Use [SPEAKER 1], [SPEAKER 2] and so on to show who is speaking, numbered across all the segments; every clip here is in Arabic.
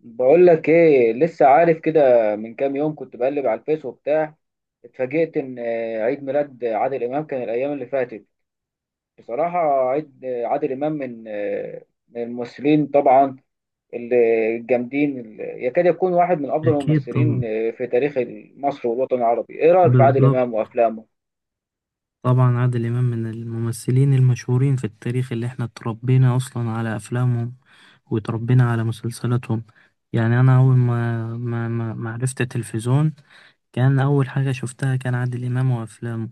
[SPEAKER 1] بقول لك ايه، لسه عارف كده. من كام يوم كنت بقلب على الفيس وبتاع، اتفاجئت ان عيد ميلاد عادل امام كان الايام اللي فاتت. بصراحه عيد عادل امام من الممثلين طبعا، اللي الجامدين، اللي يكاد يكون واحد من افضل
[SPEAKER 2] أكيد
[SPEAKER 1] الممثلين
[SPEAKER 2] طبعا.
[SPEAKER 1] في تاريخ مصر والوطن العربي. ايه رايك في عادل
[SPEAKER 2] بالظبط.
[SPEAKER 1] امام وافلامه؟
[SPEAKER 2] طبعا عادل إمام من الممثلين المشهورين في التاريخ اللي احنا اتربينا أصلا على أفلامهم، وتربينا على مسلسلاتهم. يعني أنا أول ما عرفت التلفزيون، كان أول حاجة شفتها كان عادل إمام وأفلامه.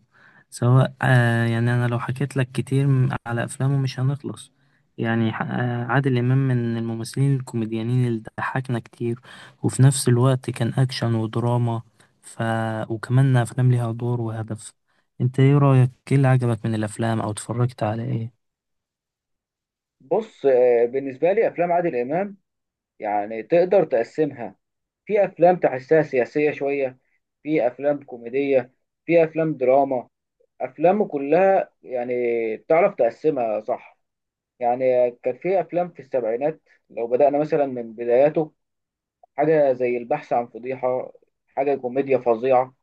[SPEAKER 2] سواء يعني أنا لو حكيت لك كتير على أفلامه مش هنخلص. يعني عادل إمام من الممثلين الكوميديانين اللي ضحكنا كتير، وفي نفس الوقت كان أكشن ودراما. ف... وكمان أفلام ليها دور وهدف. أنت إيه رأيك؟ إيه اللي عجبك من الأفلام أو اتفرجت على إيه؟
[SPEAKER 1] بص بالنسبه لي افلام عادل امام يعني تقدر تقسمها. في افلام تحسها سياسيه شويه، في افلام كوميديه، في افلام دراما، افلام كلها يعني بتعرف تقسمها صح. يعني كان في افلام في السبعينات، لو بدانا مثلا من بداياته، حاجه زي البحث عن فضيحه، حاجه كوميديا فظيعه.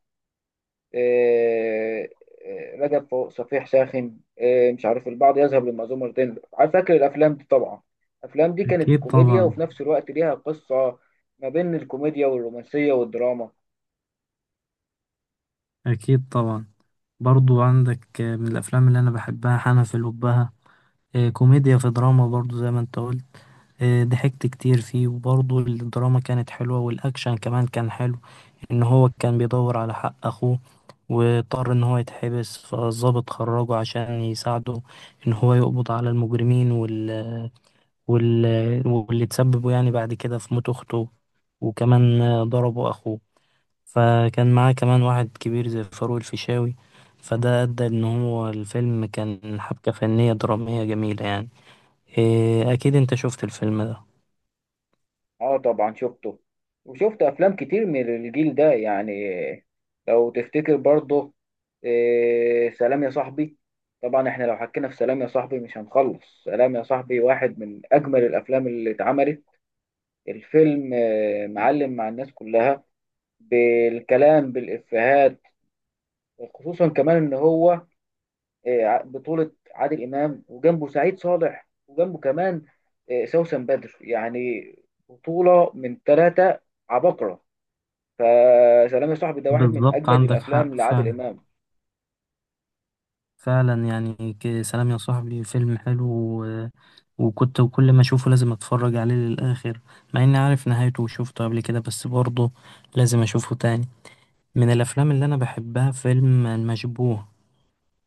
[SPEAKER 1] إيه، إيه، رجب فوق صفيح ساخن، إيه، مش عارف البعض يذهب للمأذون مرتين، عارف، فاكر الافلام دي طبعا. الافلام دي كانت
[SPEAKER 2] أكيد
[SPEAKER 1] كوميديا
[SPEAKER 2] طبعا.
[SPEAKER 1] وفي نفس الوقت ليها قصه، ما بين الكوميديا والرومانسيه والدراما.
[SPEAKER 2] أكيد طبعا. برضو عندك من الأفلام اللي أنا بحبها حنفي الأبهة. كوميديا في دراما برضو زي ما انت قلت. ضحكت كتير فيه وبرضو الدراما كانت حلوة والأكشن كمان كان حلو. إن هو كان بيدور على حق أخوه، واضطر إن هو يتحبس، فالضابط خرجه عشان يساعده إن هو يقبض على المجرمين، وال... واللي تسببوا يعني بعد كده في موت أخته، وكمان ضربوا أخوه. فكان معاه كمان واحد كبير زي فاروق الفيشاوي، فده أدى إن هو الفيلم كان حبكة فنية درامية جميلة يعني. أكيد أنت شفت الفيلم ده.
[SPEAKER 1] اه طبعا شفته، وشفت افلام كتير من الجيل ده يعني. لو تفتكر برضه، إيه، سلام يا صاحبي. طبعا احنا لو حكينا في سلام يا صاحبي مش هنخلص. سلام يا صاحبي واحد من اجمل الافلام اللي اتعملت. الفيلم معلم مع الناس كلها، بالكلام، بالافيهات، خصوصا كمان ان هو بطولة عادل امام وجنبه سعيد صالح وجنبه كمان سوسن بدر يعني. بطولة من ثلاثة عباقرة. فسلام يا صاحبي ده واحد من
[SPEAKER 2] بالظبط،
[SPEAKER 1] اجمد
[SPEAKER 2] عندك
[SPEAKER 1] الافلام
[SPEAKER 2] حق
[SPEAKER 1] لعادل
[SPEAKER 2] فعلا.
[SPEAKER 1] امام.
[SPEAKER 2] فعلا يعني سلام يا صاحبي فيلم حلو. و... وكنت كل ما أشوفه لازم أتفرج عليه للآخر، مع إني عارف نهايته وشوفته قبل كده، بس برضه لازم أشوفه تاني. من الأفلام اللي أنا بحبها فيلم المشبوه.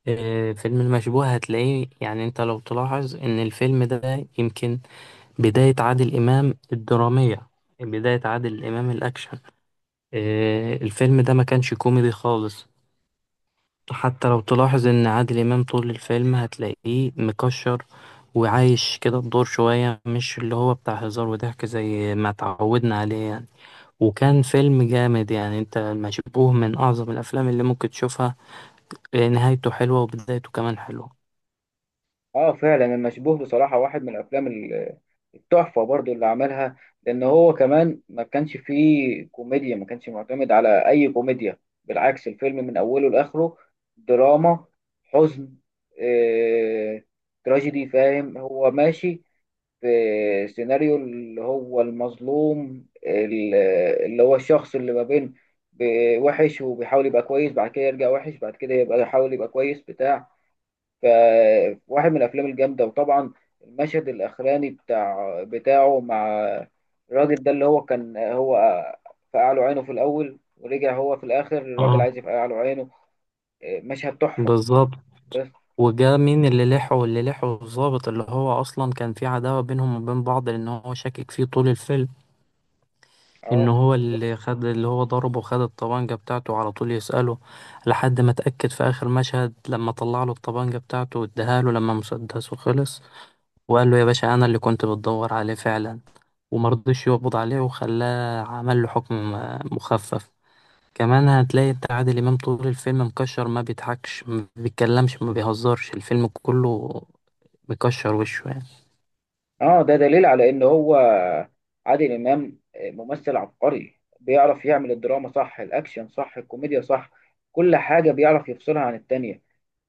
[SPEAKER 2] فيلم المشبوه هتلاقيه يعني أنت لو تلاحظ إن الفيلم ده يمكن بداية عادل إمام الدرامية، بداية عادل إمام الأكشن. الفيلم ده ما كانش كوميدي خالص. حتى لو تلاحظ ان عادل امام طول الفيلم هتلاقيه مكشر، وعايش كده الدور شوية، مش اللي هو بتاع هزار وضحك زي ما تعودنا عليه يعني. وكان فيلم جامد يعني. انت المشبوه من اعظم الافلام اللي ممكن تشوفها، نهايته حلوة وبدايته كمان حلوة.
[SPEAKER 1] اه فعلا، المشبوه بصراحه واحد من الافلام التحفه برضو اللي عملها. لان هو كمان ما كانش فيه كوميديا، ما كانش معتمد على اي كوميديا. بالعكس، الفيلم من اوله لاخره دراما، حزن، آه، تراجيدي، فاهم؟ هو ماشي في سيناريو اللي هو المظلوم، اللي هو الشخص اللي ما بين وحش وبيحاول يبقى كويس، بعد كده يرجع وحش، بعد كده يبقى يحاول يبقى كويس بتاع. فواحد من الافلام الجامده. وطبعا المشهد الاخراني بتاع بتاعه مع الراجل ده اللي هو كان هو فقع له عينه في الاول، ورجع هو في الاخر الراجل
[SPEAKER 2] اه،
[SPEAKER 1] عايز يفقع له عينه. مشهد تحفه.
[SPEAKER 2] بالظبط.
[SPEAKER 1] بس.
[SPEAKER 2] وجا مين اللي لحه الضابط اللي هو اصلا كان في عداوة بينهم وبين بعض، لان هو شاكك فيه طول الفيلم. ان
[SPEAKER 1] اه
[SPEAKER 2] هو اللي
[SPEAKER 1] بالظبط.
[SPEAKER 2] خد اللي هو ضربه، خد الطبانجة بتاعته على طول يسأله، لحد ما اتأكد في اخر مشهد لما طلع له الطبانجة بتاعته واداها له لما مسدسه خلص، وقال له يا باشا انا اللي كنت بتدور عليه فعلا. ومرضيش يقبض عليه وخلاه عمل له حكم مخفف. كمان هتلاقي انت عادل امام طول الفيلم مكشر، ما بيضحكش ما بيتكلمش ما بيهزرش، الفيلم كله مكشر وشه يعني.
[SPEAKER 1] اه ده دليل على ان هو عادل امام ممثل عبقري، بيعرف يعمل الدراما صح، الاكشن صح، الكوميديا صح، كل حاجه بيعرف يفصلها عن التانية.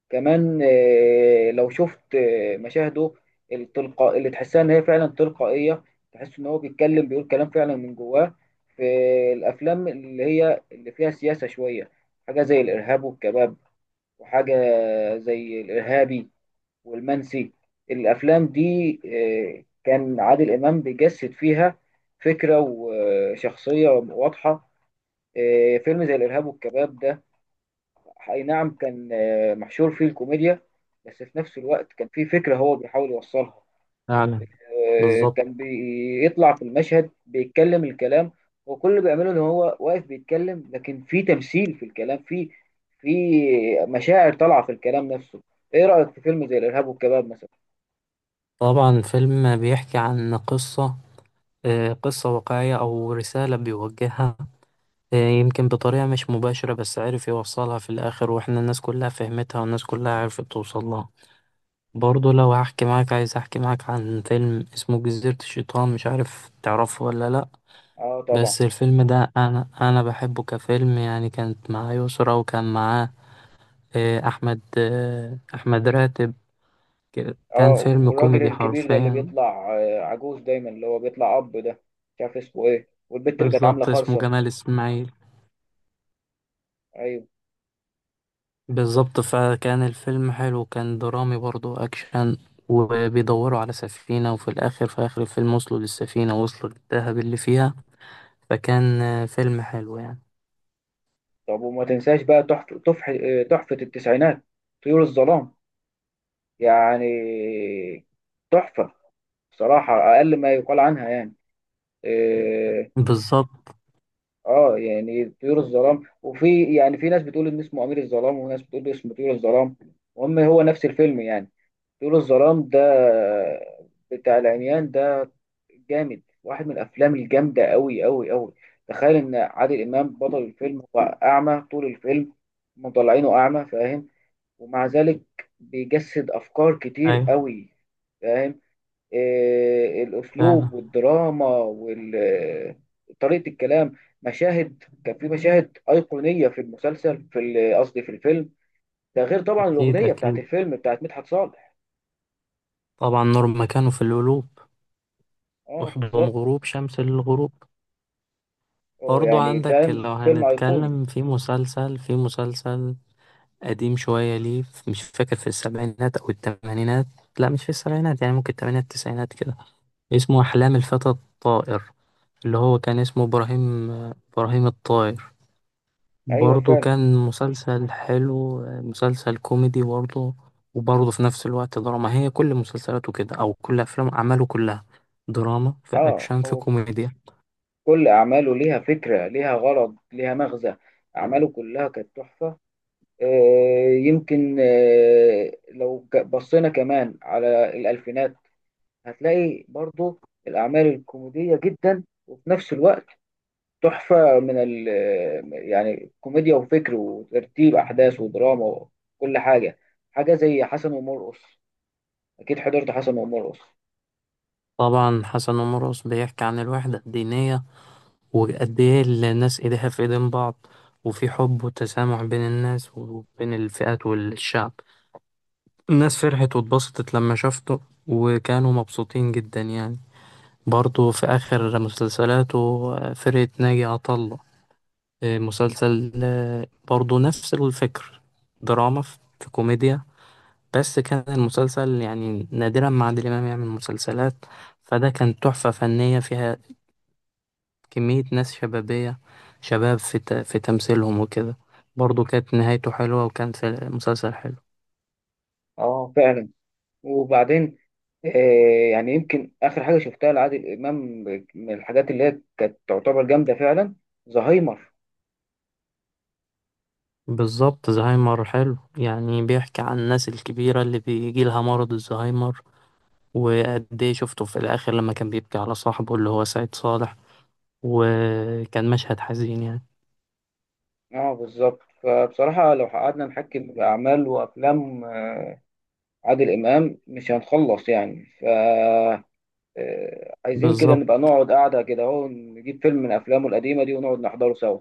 [SPEAKER 1] كمان لو شفت مشاهده التلقاء اللي تحسها ان هي فعلا تلقائيه، تحس ان هو بيتكلم بيقول كلام فعلا من جواه في الافلام اللي هي اللي فيها سياسه شويه، حاجه زي الارهاب والكباب، وحاجه زي الارهابي والمنسي. الافلام دي كان عادل امام بيجسد فيها فكره وشخصيه واضحه. فيلم زي الارهاب والكباب ده، اي نعم كان محشور فيه الكوميديا، بس في نفس الوقت كان فيه فكره هو بيحاول يوصلها.
[SPEAKER 2] فعلا. بالظبط.
[SPEAKER 1] كان بيطلع في المشهد بيتكلم الكلام. هو كل اللي بيعمله ان هو واقف بيتكلم، لكن في تمثيل في الكلام، في مشاعر طالعه في الكلام نفسه. ايه رايك في فيلم زي الارهاب والكباب مثلا؟
[SPEAKER 2] طبعا الفيلم بيحكي عن قصة، قصة واقعية أو رسالة بيوجهها. يمكن بطريقة مش مباشرة، بس عرف يوصلها في الآخر، وإحنا الناس كلها فهمتها والناس كلها عرفت توصل لها. برضه لو هحكي معاك، عايز أحكي معاك عن فيلم اسمه جزيرة الشيطان، مش عارف تعرفه ولا لأ.
[SPEAKER 1] اه طبعا.
[SPEAKER 2] بس الفيلم ده أنا بحبه كفيلم يعني. كانت معاه يسرا وكان معاه أحمد راتب. كان
[SPEAKER 1] اه
[SPEAKER 2] فيلم
[SPEAKER 1] والراجل
[SPEAKER 2] كوميدي
[SPEAKER 1] الكبير ده اللي
[SPEAKER 2] حرفيا.
[SPEAKER 1] بيطلع عجوز دايما، اللي هو بيطلع اب ده مش عارف اسمه ايه، والبت اللي كانت عامله
[SPEAKER 2] بالظبط، اسمه
[SPEAKER 1] خرصه.
[SPEAKER 2] جمال إسماعيل.
[SPEAKER 1] ايوه.
[SPEAKER 2] بالظبط. فكان الفيلم حلو، كان درامي برضو أكشن، وبيدوروا على سفينة، وفي الآخر في آخر الفيلم وصلوا للسفينة، وصلوا للذهب اللي فيها. فكان فيلم حلو يعني.
[SPEAKER 1] طب وما تنساش بقى، تحفه تحفه، تحفة التسعينات، طيور الظلام. يعني تحفه بصراحه اقل ما يقال عنها يعني. إيه،
[SPEAKER 2] بالظبط.
[SPEAKER 1] اه يعني طيور الظلام، وفي يعني في ناس بتقول ان اسمه امير الظلام وناس بتقول اسمه طيور الظلام. المهم هو نفس الفيلم يعني. طيور الظلام ده بتاع العميان ده جامد، واحد من الافلام الجامده، قوي قوي قوي. تخيل ان عادل امام بطل الفيلم هو اعمى طول الفيلم، مطلعينه اعمى، فاهم؟ ومع ذلك بيجسد افكار كتير
[SPEAKER 2] أيوة.
[SPEAKER 1] قوي، فاهم؟ إيه
[SPEAKER 2] فعلا.
[SPEAKER 1] الاسلوب والدراما وطريقه الكلام. مشاهد، كان في مشاهد ايقونيه في المسلسل، في قصدي في الفيلم. ده غير طبعا
[SPEAKER 2] أكيد
[SPEAKER 1] الاغنيه بتاعت
[SPEAKER 2] أكيد.
[SPEAKER 1] الفيلم بتاعت مدحت صالح.
[SPEAKER 2] طبعا نور مكانه في القلوب،
[SPEAKER 1] اه
[SPEAKER 2] وحضن
[SPEAKER 1] بالظبط.
[SPEAKER 2] غروب شمس للغروب.
[SPEAKER 1] اه
[SPEAKER 2] برضو
[SPEAKER 1] يعني
[SPEAKER 2] عندك
[SPEAKER 1] فاهم،
[SPEAKER 2] لو
[SPEAKER 1] فيلم ايقوني.
[SPEAKER 2] هنتكلم في مسلسل، قديم شوية، ليه مش فاكر، في السبعينات أو التمانينات. لا، مش في السبعينات، يعني ممكن التمانينات التسعينات كده. اسمه أحلام الفتى الطائر، اللي هو كان اسمه إبراهيم، إبراهيم الطائر.
[SPEAKER 1] ايوه
[SPEAKER 2] برضه
[SPEAKER 1] فعلا.
[SPEAKER 2] كان مسلسل حلو، مسلسل كوميدي برضه. وبرضه في نفس الوقت دراما. هي كل مسلسلاته كده أو كل أفلام أعماله كلها دراما في
[SPEAKER 1] اه
[SPEAKER 2] أكشن في
[SPEAKER 1] هو
[SPEAKER 2] كوميديا.
[SPEAKER 1] كل اعماله ليها فكره، ليها غرض، ليها مغزى. اعماله كلها كانت تحفه. يمكن لو بصينا كمان على الالفينات، هتلاقي برضو الاعمال الكوميديه جدا، وفي نفس الوقت تحفه من ال، يعني كوميديا وفكر وترتيب احداث ودراما وكل حاجه. حاجه زي حسن ومرقص، اكيد حضرت حسن ومرقص.
[SPEAKER 2] طبعا حسن ومرقص بيحكي عن الوحدة الدينية، وقد إيه الناس إيديها في إيدين بعض، وفي حب وتسامح بين الناس وبين الفئات والشعب. الناس فرحت واتبسطت لما شافته، وكانوا مبسوطين جدا يعني. برضه في آخر مسلسلاته فرقة ناجي عطا الله، مسلسل برضه نفس الفكر، دراما في كوميديا. بس كان المسلسل يعني نادرا ما عادل إمام يعمل مسلسلات، فده كان تحفة فنية فيها كمية ناس شبابية، شباب في تمثيلهم وكده. برضو كانت نهايته حلوة وكان في مسلسل حلو.
[SPEAKER 1] اه فعلا. وبعدين يعني يمكن آخر حاجة شفتها لعادل إمام من الحاجات اللي هي كانت تعتبر جامدة فعلا، زهايمر.
[SPEAKER 2] بالظبط، زهايمر حلو يعني، بيحكي عن الناس الكبيرة اللي بيجي لها مرض الزهايمر. وقد ايه شفته في الآخر لما كان بيبكي على صاحبه اللي هو سعيد صالح، وكان مشهد حزين يعني.
[SPEAKER 1] اه بالظبط. فبصراحة لو قعدنا نحكي بأعمال وأفلام عادل إمام مش هنخلص يعني. ف عايزين كده
[SPEAKER 2] بالظبط.
[SPEAKER 1] نبقى نقعد قاعدة كده اهو، نجيب فيلم من أفلامه القديمة دي ونقعد نحضره سوا.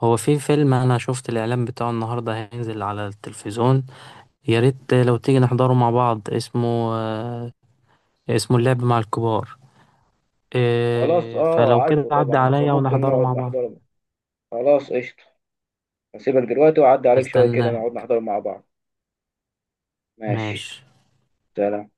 [SPEAKER 2] هو في فيلم أنا شفت الإعلان بتاعه النهاردة هينزل على التلفزيون، يا ريت لو تيجي نحضره مع بعض. اسمه، اسمه اللعب مع الكبار.
[SPEAKER 1] خلاص،
[SPEAKER 2] إيه
[SPEAKER 1] اه
[SPEAKER 2] فلو كده
[SPEAKER 1] عارفه
[SPEAKER 2] عدى
[SPEAKER 1] طبعا،
[SPEAKER 2] عليا
[SPEAKER 1] فممكن
[SPEAKER 2] ونحضره
[SPEAKER 1] نقعد
[SPEAKER 2] مع بعض.
[SPEAKER 1] نحضره. خلاص قشطة. هسيبك دلوقتي وأعدي عليك شوية كده
[SPEAKER 2] استناك.
[SPEAKER 1] نقعد نحضره مع بعض. ماشي.
[SPEAKER 2] ماشي.
[SPEAKER 1] سلام.